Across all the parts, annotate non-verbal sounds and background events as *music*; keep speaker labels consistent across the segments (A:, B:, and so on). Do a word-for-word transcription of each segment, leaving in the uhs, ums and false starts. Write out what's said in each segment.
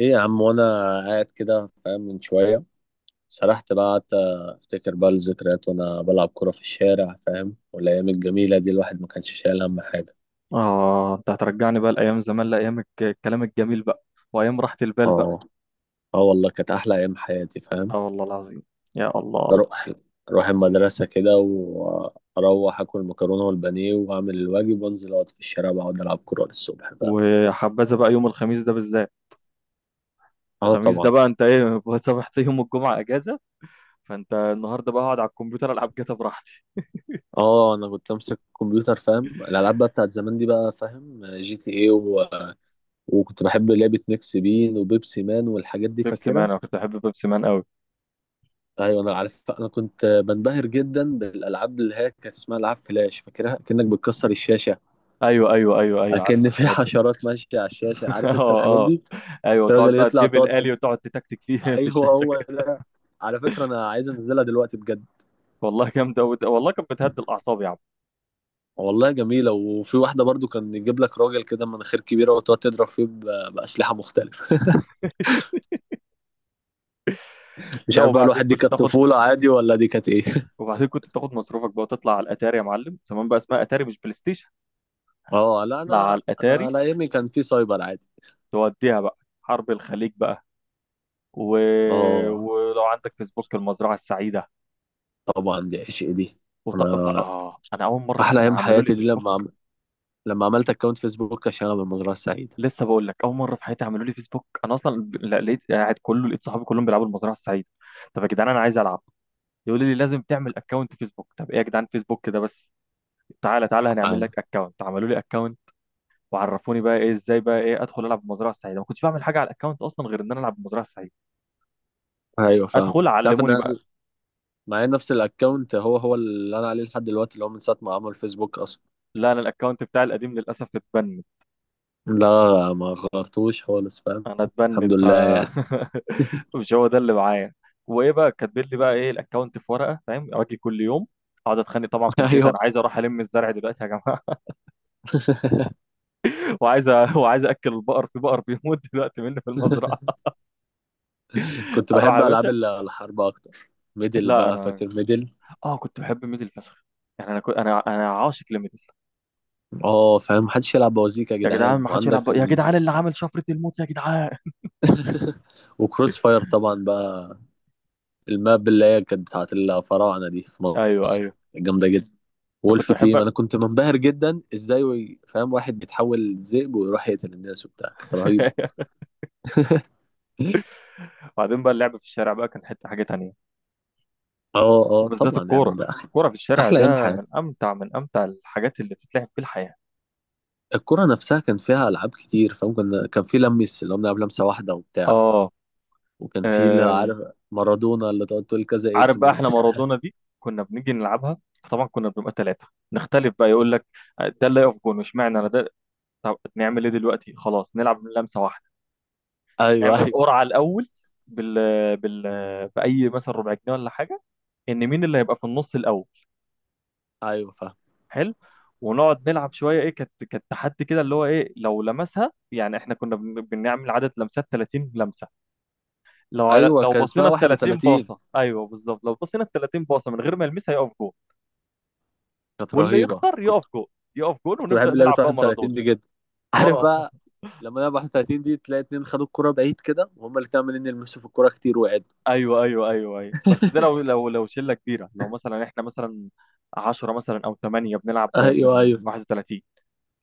A: ايه يا عم، وانا قاعد كده فاهم. من شويه سرحت بقى، قعدت افتكر بقى الذكريات وانا بلعب كوره في الشارع فاهم. والايام الجميله دي الواحد ما كانش شايل هم حاجه.
B: آه، أنت هترجعني بقى لأيام زمان، لأيام الج- الكلام الجميل بقى، وأيام راحة البال بقى.
A: اه اه والله كانت احلى ايام حياتي فاهم.
B: آه والله العظيم. يا الله.
A: اروح اروح المدرسه كده، واروح اكل مكرونه والبانيه، واعمل الواجب، وانزل اقعد في الشارع بقعد العب كوره للصبح فاهم.
B: وحبذا بقى يوم الخميس ده بالذات.
A: اه
B: الخميس ده
A: طبعا.
B: بقى أنت إيه *laughs* صبحت يوم الجمعة أجازة، فأنت النهاردة بقى أقعد على الكمبيوتر ألعب جاتا براحتي.
A: اه، انا كنت امسك الكمبيوتر فاهم، الالعاب بقى بتاعت زمان دي بقى فاهم، جي تي ايه. وكنت بحب لعبة ميكس بين وبيبسي مان والحاجات دي
B: بيبسي مان،
A: فاكرها.
B: أنا كنت أحب بيبسي مان أوي.
A: ايوه انا عارف، انا كنت بنبهر جدا بالالعاب اللي هي كانت اسمها العاب فلاش، فاكرها كأنك بتكسر الشاشة،
B: أيوه أيوه أيوه أيوه، عارف
A: كأن في *laughs*
B: الحاجات دي.
A: حشرات ماشية على الشاشة،
B: *laughs*
A: عارف انت
B: آه.
A: الحاجات
B: آه.
A: دي.
B: أيوه، تقعد
A: الراجل
B: بقى
A: يطلع
B: تجيب
A: تقعد،
B: الآلي وتقعد تتكتك فيه *laughs* في
A: ايوه
B: الشاشة.
A: هو ده. على فكرة انا عايز انزلها دلوقتي بجد.
B: والله جامدة أوي ده. والله كانت بتهدي الأعصاب يا عم.
A: والله جميلة. وفي واحدة برضو كان يجيب لك راجل كده مناخير كبيرة وتقعد تضرب فيه ب- بأسلحة مختلفة.
B: *laughs*
A: *laughs* مش عارف
B: لو
A: بقى
B: بعدين
A: الواحد، دي
B: كنت
A: كانت
B: تاخد
A: طفولة عادي ولا دي كانت ايه؟ *laughs*
B: وبعدين كنت تاخد مصروفك بقى وتطلع على الاتاري، يا معلم زمان بقى اسمها اتاري مش بلاي ستيشن.
A: اه لا،
B: تطلع على
A: انا انا
B: الاتاري،
A: على ايامي كان في سايبر عادي.
B: توديها بقى حرب الخليج بقى و...
A: اه.
B: ولو عندك فيسبوك المزرعه السعيده.
A: طبعا دي عشق دي.
B: وطق،
A: انا
B: اه انا اول مره
A: احلى
B: اصلا
A: ايام
B: عملوا لي
A: حياتي دي لما
B: فيسبوك.
A: عم... لما عملت اكونت فيسبوك عشان انا من المزرعه السعيده.
B: لسه بقول لك اول مره في حياتي عملوا لي فيسبوك، انا اصلا ب- لا لقيت قاعد كله، لقيت صحابي كلهم بيلعبوا المزرعه السعيده. طب يا جدعان انا عايز العب، يقولوا لي لازم تعمل اكونت فيسبوك. طب ايه يا جدعان فيسبوك ده بس؟ تعالى تعالى هنعمل
A: آه.
B: لك اكونت، عملوا لي اكونت. وعرفوني بقى ايه ازاي بقى ايه ادخل العب بالمزرعه السعيده. ما كنتش بعمل حاجه على الاكونت اصلا غير ان انا العب بالمزرعه السعيده.
A: ايوه فاهم.
B: ادخل
A: تعرف ان
B: علموني بقى.
A: أنا معايا نفس الاكونت، هو هو اللي انا عليه لحد دلوقتي، اللي هو من ساعه ما عمل فيسبوك اصلا.
B: لا انا الاكونت بتاعي القديم للاسف اتبند.
A: لا، ما غيرتوش خالص فاهم.
B: انا اتبند
A: الحمد
B: ف
A: لله يعني.
B: *laughs* مش هو ده اللي معايا. وايه بقى كاتبين لي بقى ايه الاكونت في ورقه فاهم، اجي كل يوم اقعد اتخانق طبعا
A: *laughs*
B: في البيت،
A: ايوه
B: انا عايز اروح الم الزرع دلوقتي يا جماعه. *laughs* وعايز أ- وعايز اكل البقر، في بقر بيموت دلوقتي مني في المزرعه. *laughs*
A: كنت
B: اروح
A: بحب
B: يا
A: العاب
B: باشا.
A: ال- الحرب اكتر. ميدل
B: لا
A: بقى،
B: انا،
A: فاكر ميدل؟
B: اه كنت بحب ميدل فشخ. يعني انا كنت انا انا عاشق لميدل.
A: اه فاهم، محدش يلعب بوازيك يا
B: يا جدعان
A: جدعان
B: ما حدش يلعب
A: وعندك
B: بق- يا
A: ال...
B: جدعان اللي عامل شفرة الموت يا جدعان.
A: *laughs* وكروس فاير طبعا بقى، الماب اللي هي كانت بتاعت الفراعنة دي في
B: ايوه ايوه،
A: مصر جامدة جدا.
B: انا كنت
A: وولف
B: بحب.
A: تيم انا كنت منبهر جدا ازاي وي- فاهم، واحد بيتحول ذئب ويروح يقتل الناس وبتاع، كانت رهيب.
B: *laughs*
A: *laughs*
B: وبعدين بقى اللعب في الشارع بقى كان حتة حاجة تانية.
A: اه اه
B: وبالذات
A: طبعا يا
B: الكورة.
A: عم ده أح-
B: الكورة في الشارع
A: احلى ايام
B: ده من
A: حياتي.
B: امتع من امتع الحاجات اللي تتلعب في الحياة.
A: الكرة نفسها كان فيها العاب كتير فاهم، كنا كان في لمس اللي هو بنلعب لمسة واحدة وبتاع.
B: اه.
A: وكان في اللي
B: آه.
A: عارف، مارادونا اللي تقعد تقول كذا
B: عارف
A: اسم
B: بقى احنا
A: وبتاع.
B: مارادونا
A: *laughs*
B: دي كنا بنيجي نلعبها. طبعا كنا بنبقى ثلاثة، نختلف بقى، يقول لك ده اللي يقف جون اشمعنى انا ده. طب نعمل ايه دلوقتي؟ خلاص نلعب من لمسة واحدة.
A: ايوه
B: نعمل
A: ايوه
B: قرعة الاول، بال... بال... بأي مثلا ربع جنيه ولا حاجة، ان مين اللي هيبقى في النص الاول.
A: ايوه فاهم
B: حلو. ونقعد نلعب شويه. ايه كانت كانت تحدي كده، اللي هو ايه لو لمسها، يعني احنا كنا بن- بنعمل عدد لمسات ثلاثين لمسه. لو على
A: ايوه
B: لو
A: كان اسمها
B: بصينا ال ثلاثين
A: واحد وثلاثين
B: باصه، ايوه بالظبط، لو بصينا ال ثلاثين باصه من غير ما يلمسها يقف جول.
A: كانت
B: واللي
A: رهيبة
B: يخسر يقف جول، يقف جول
A: كنت
B: ونبدا
A: بحب لعبة
B: نلعب بقى مارادونا.
A: واحد وثلاثين دي جدا عارف
B: اه.
A: بقى
B: *laughs*
A: لما لعبة واحد وثلاثين دي تلاقي اتنين خدوا الكرة بعيد كده وهما الاتنين عمالين يلمسوا في الكرة كتير وقعدوا
B: ايوه ايوه ايوه ايوه، بس ده لو
A: *laughs*
B: لو لو شله كبيره، لو مثلا احنا مثلا عشرة مثلا او ثمانية بنلعب ب
A: ايوه ايوه
B: واحد وثلاثين،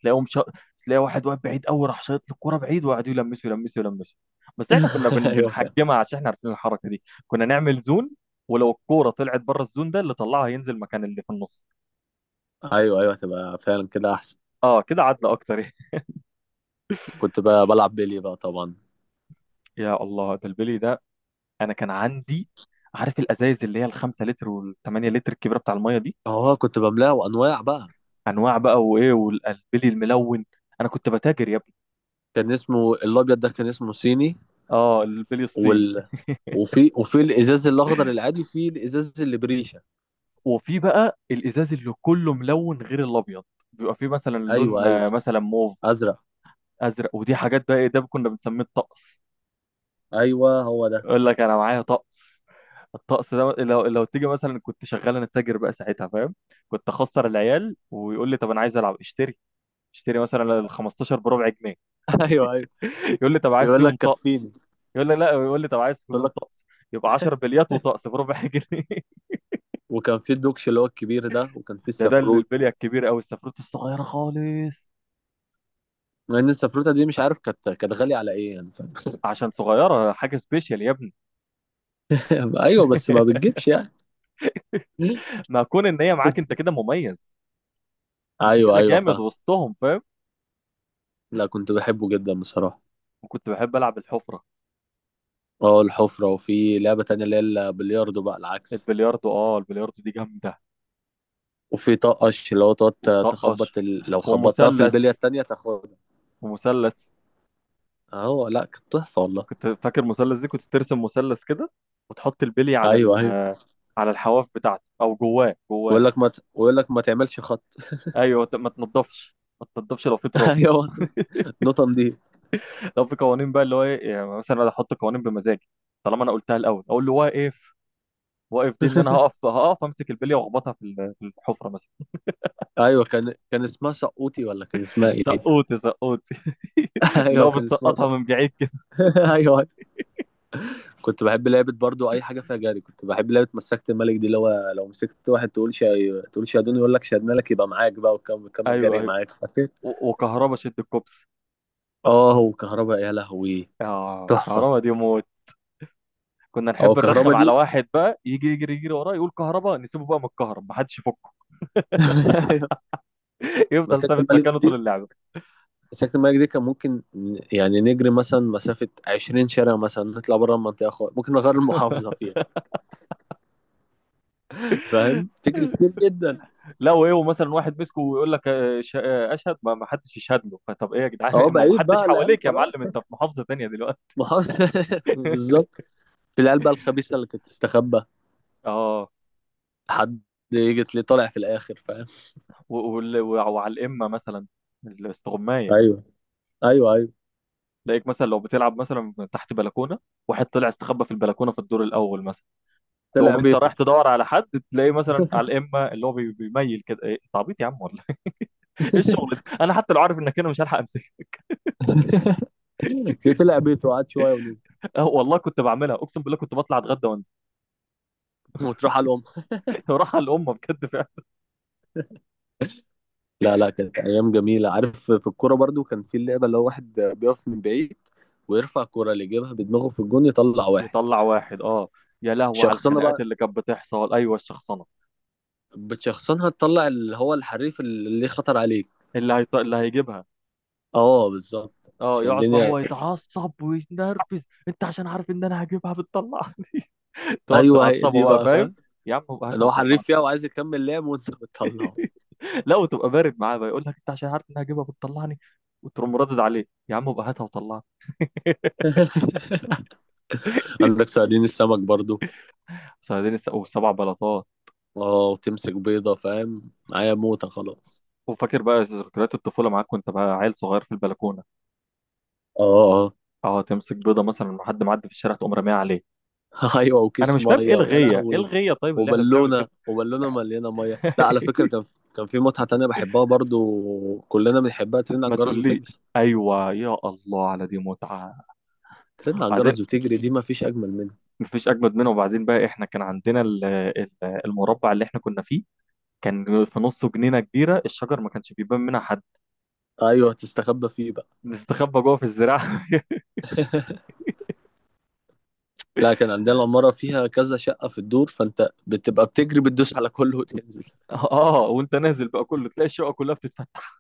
B: تلاقيهم شا... تلاقي واحد واقف بعيد قوي راح شايط له الكوره بعيد، وقعدوا يلمسوا يلمسوا يلمسوا. بس احنا كنا
A: *laughs*
B: بن...
A: ايوه فعلا.
B: بنحجمها، عشان احنا عارفين الحركه دي، كنا نعمل زون. ولو الكوره طلعت بره الزون ده، اللي طلعها ينزل مكان اللي في النص.
A: ايوه ايوه هتبقى فعلا كده احسن.
B: اه كده عدل اكتر.
A: كنت بقى بلعب بيلي بقى طبعا.
B: *laughs* يا الله ده البلي ده. انا كان عندي، عارف الازايز اللي هي الخمسة لتر والثمانية لتر الكبيره بتاع الميه دي،
A: اه كنت بملاه انواع بقى.
B: انواع بقى وايه والبلي الملون، انا كنت بتاجر يا ابني.
A: كان اسمه الابيض ده، كان اسمه صيني.
B: اه البلي الصين.
A: وال... وفي وفي الازاز الاخضر العادي، في الازاز اللي بريشه.
B: وفي بقى الازاز اللي كله ملون غير الابيض، بيبقى فيه مثلا
A: ايوه
B: لون
A: ايوه
B: آه، مثلا موف،
A: ازرق،
B: ازرق، ودي حاجات بقى ايه ده كنا بنسميه الطقس.
A: ايوه هو ده.
B: يقول لك انا معايا طقس. الطقس ده لو لو تيجي مثلا، كنت شغال انا تاجر بقى ساعتها فاهم، كنت اخسر العيال، ويقول لي طب انا عايز العب. اشتري اشتري مثلا ال خمستاشر بربع جنيه.
A: *laughs* ايوه ايوه
B: *laughs* يقول لي طب عايز
A: يقول
B: فيهم
A: لك
B: طقس.
A: كفيني.
B: يقول لي لا، يقول لي طب عايز
A: يقول
B: فيهم
A: لك.
B: طقس. يبقى عشر بليات وطقس بربع *laughs* جنيه.
A: وكان في الدوكش اللي هو الكبير ده، وكان في
B: ده ده
A: السفروت.
B: البليه الكبيره قوي، السفروت الصغيره خالص،
A: مع ان السفروته دي مش عارف، كانت كانت غاليه على ايه يعني فاهم.
B: عشان صغيره حاجه سبيشال يا ابني.
A: *laughs* ايوه بس ما
B: *laughs*
A: بتجيبش يعني. *laughs*
B: ما كون ان هي معاك انت كده مميز، انت
A: ايوه
B: كده
A: ايوه
B: جامد
A: فاهم.
B: وسطهم فاهم.
A: لا كنت بحبه جدا بصراحه.
B: وكنت بحب العب الحفره،
A: اه الحفره. وفي لعبه تانية اللي هي البلياردو بقى العكس.
B: البلياردو، اه البلياردو دي جامده.
A: وفي طقش اللي هو تقعد
B: وطقش
A: تخبط ال... لو خبطتها في البليه
B: ومثلث
A: التانية تاخدها.
B: ومثلث
A: اهو لا، كانت تحفه والله.
B: كنت فاكر المثلث دي كنت ترسم مثلث كده وتحط البلي على
A: ايوه
B: ال
A: ايوه
B: آه، على الحواف بتاعته، او جواه جواه.
A: ويقول لك ما ت... ويقول لك ما تعملش خط.
B: ايوه ت- ما تنضفش ما تنضفش لو في تراب.
A: *laughs* ايوه،
B: *laughs*
A: نوتن دي.
B: لو في قوانين بقى اللي هو ايه، يعني مثلا انا احط قوانين بمزاجي، طالما انا قلتها الاول. اقول له واقف. واقف دي ان انا
A: *laughs*
B: هقف هقف امسك البليه واخبطها في ال- في الحفره مثلا.
A: ايوه كان كان اسمها سقوطي، ولا كان اسمها
B: *laughs*
A: ايه؟
B: سقوطي، سقوطي،
A: *laughs*
B: *laughs* اللي
A: ايوه
B: هو
A: كان اسمها
B: بتسقطها من
A: سقوطي.
B: بعيد كده.
A: *laughs* ايوه أيوة. كنت بحب لعبه برضو اي حاجه فيها جري. كنت بحب لعبه مسكت الملك دي، اللي هو لو مسكت واحد تقول شا... تقول شادون، يقول لك شدنا لك، يبقى معاك بقى وكمل، كمل
B: ايوه
A: جري
B: أيوه.
A: معاك. *laughs* فاكر؟
B: و- وكهربا، شد الكوبس.
A: اه وكهرباء يا لهوي.
B: اه
A: تحفه.
B: كهربا دي موت. كنا
A: اه
B: نحب نرخم
A: كهرباء
B: على
A: دي.
B: واحد بقى، يجي يجري يجري وراه، يقول كهربا، نسيبه بقى متكهرب محدش يفكه.
A: *laughs* أيوة.
B: *laughs* يفضل
A: مسكت
B: ثابت
A: الملك
B: مكانه طول
A: دي
B: اللعبه.
A: مسكت الملك دي كان ممكن ن- يعني نجري مثلا مسافه عشرين شارع، مثلا نطلع بره المنطقه خالص، ممكن نغير المحافظه
B: *laughs*
A: فيها فاهم، تجري كتير جدا.
B: لا وايه ومثلا واحد مسكه ويقول لك آه، ش- آه، اشهد، ما ما حدش يشهد له. فطب ايه يا جدعان
A: اه
B: *laughs* ما ما
A: بعيد
B: حدش
A: بقى العيال
B: حواليك يا
A: خلاص.
B: معلم، انت في محافظه تانيه دلوقتي.
A: محافظه *laughs*
B: *laughs*
A: بالظبط. في العيال بقى الخبيثه اللي كانت تستخبى
B: اه.
A: حد، جت لي طالع في الاخر فاهم.
B: و- وال- و- وعلى الامه مثلا، الاستغمايه.
A: ايوه ايوه ايوه
B: تلاقيك مثلا لو بتلعب مثلا تحت بلكونه، واحد طلع استخبى في البلكونه في الدور الاول مثلا،
A: طلع
B: تقوم انت رايح
A: بيته.
B: تدور على حد، تلاقيه مثلا على
A: *laughs*
B: الامه اللي هو بي- بيميل كده. ايه انت عبيط يا عم ولا ايه؟ *laughs* إيه الشغل ده؟ انا حتى لو عارف انك انا مش هلحق امسكها.
A: ليه؟ طلع بيته وقعد شويه ونزل.
B: *laughs* اه والله كنت بعملها، اقسم بالله كنت بطلع اتغدى وانزل.
A: وتروح على الام.
B: *laughs* راح على الامه بجد فعلا.
A: لا لا، كانت ايام جميله. عارف في الكوره برضو كان في اللعبه اللي هو واحد بيقف من بعيد، ويرفع الكوره اللي يجيبها بدماغه في الجون يطلع واحد.
B: يطلع واحد اه. يا لهوي على
A: شخصنه
B: الخناقات
A: بقى،
B: اللي كانت بتحصل. ايوه الشخصنه،
A: بتشخصنها تطلع اللي هو الحريف اللي خطر عليك.
B: اللي هيط... اللي هيجيبها.
A: اه بالظبط،
B: اه
A: عشان
B: يقعد بقى هو
A: الدنيا.
B: يتعصب ويتنرفز، انت عشان عارف ان انا هجيبها بتطلعني. *laughs*
A: *laughs*
B: تقعد
A: ايوه هي
B: تعصبه
A: دي
B: بقى
A: بقى
B: فاهم.
A: فاهم،
B: يا عم
A: ان
B: هاتها
A: هو
B: وطلعها.
A: حريف فيها وعايز يكمل لعب وانت بتطلعه.
B: لا وتبقى بارد معاه بقى، يقول لك انت عشان عارف اني هجيبها بتطلعني. وتقوم ردد عليه، يا عم بقى هاتها وطلعني. *laughs*
A: *laughs* عندك صيادين السمك برضو.
B: صيادين الس- وسبع بلاطات.
A: اه وتمسك بيضة فاهم، معايا موتة خلاص.
B: وفاكر بقى ذكريات الطفوله معاك، وانت بقى عيل صغير في البلكونه
A: اه اه
B: اه، تمسك بيضه مثلا مع حد معدي في الشارع تقوم راميها عليه.
A: *laughs* ايوه،
B: انا
A: وكيس
B: مش فاهم ايه
A: مية، ويا
B: الغيه ايه
A: لهوي.
B: الغيه طيب اللي احنا بنعمل كده.
A: وبالونة وبالونة مليانة مية. لا على فكرة
B: *laughs*
A: كان، كان في متعة تانية بحبها برضو كلنا بنحبها، ترن على
B: ما
A: الجرس وتجري.
B: تقوليش، ايوه يا الله على دي متعه.
A: ترن على
B: وبعدين،
A: الجرس وتجري دي مفيش أجمل منها.
B: مفيش اجمد منه، وبعدين بقى احنا كان عندنا ال- ال- المربع اللي احنا كنا فيه، كان في نصه جنينه كبيره، الشجر ما كانش بيبان منها حد،
A: ايوه تستخبى فيه بقى.
B: نستخبى جوه في الزراعه.
A: *laughs* لا كان عندنا العمارة فيها كذا شقة في الدور، فانت بتبقى بتجري بتدوس على كله وتنزل.
B: *laughs* اه وانت نازل بقى كله تلاقي الشقه كلها بتتفتح.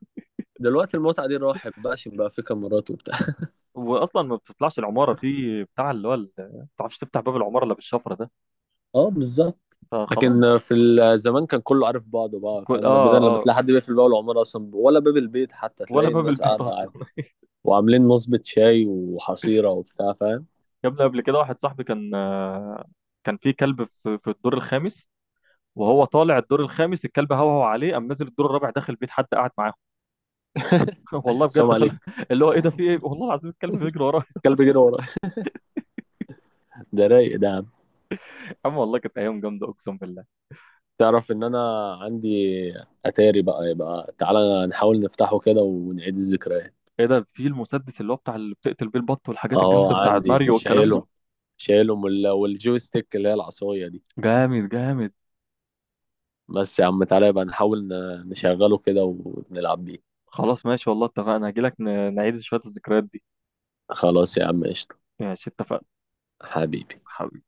A: دلوقتي المتعة دي راحت بقى عشان بقى في كاميرات وبتاع.
B: واصلا ما بتطلعش العماره في بتاع اللي هو ال- ما بتعرفش تفتح باب العماره الا بالشفره ده.
A: *laughs* اه بالظبط.
B: فخلاص
A: لكن
B: بقى.
A: في ال- زمان كان كله عارف بعضه بقى
B: كل
A: فاهم،
B: اه
A: نادرا لما
B: اه
A: تلاقي حد بيقفل باب العمارة أصلا، ولا باب البيت حتى،
B: ولا
A: تلاقي
B: باب
A: الناس
B: البيت
A: قاعدة
B: اصلا.
A: عادي،
B: *laughs*
A: وعاملين نصبة شاي وحصيرة وبتاع فاهم.
B: يا ابني قبل كده واحد صاحبي كان آه، كان في كلب في في الدور الخامس، وهو طالع الدور الخامس الكلب هوهو عليه، قام نازل الدور الرابع داخل بيت حد قاعد معاه.
A: *laughs*
B: *laughs* والله
A: السلام
B: بجد خل...
A: عليكم،
B: اللي هو ايه ده، في ايه، والله العظيم الكلب بيجري وراه. *laughs*
A: الكلب جري ورايا. ده رايق ده يا عم.
B: يا عم والله كانت ايام جامده اقسم بالله.
A: تعرف إن أنا عندي أتاري بقى، يبقى تعالى نحاول نفتحه كده ونعيد الذكريات.
B: ايه ده، في المسدس اللي هو بتاع اللي بتقتل بيه البط والحاجات
A: أهو
B: الجامده بتاع
A: عندي
B: ماريو والكلام ده؟
A: شايلهم. شايلهم وال- والجويستيك اللي هي العصاية دي.
B: جامد جامد.
A: بس يا عم تعالى يبقى نحاول ن- نشغله كده ونلعب بيه.
B: خلاص ماشي والله اتفقنا، هجيلك ن- نعيد شويه الذكريات دي.
A: خلاص يا عم قشطة.
B: ماشي اتفقنا.
A: حبيبي.
B: حبيبي.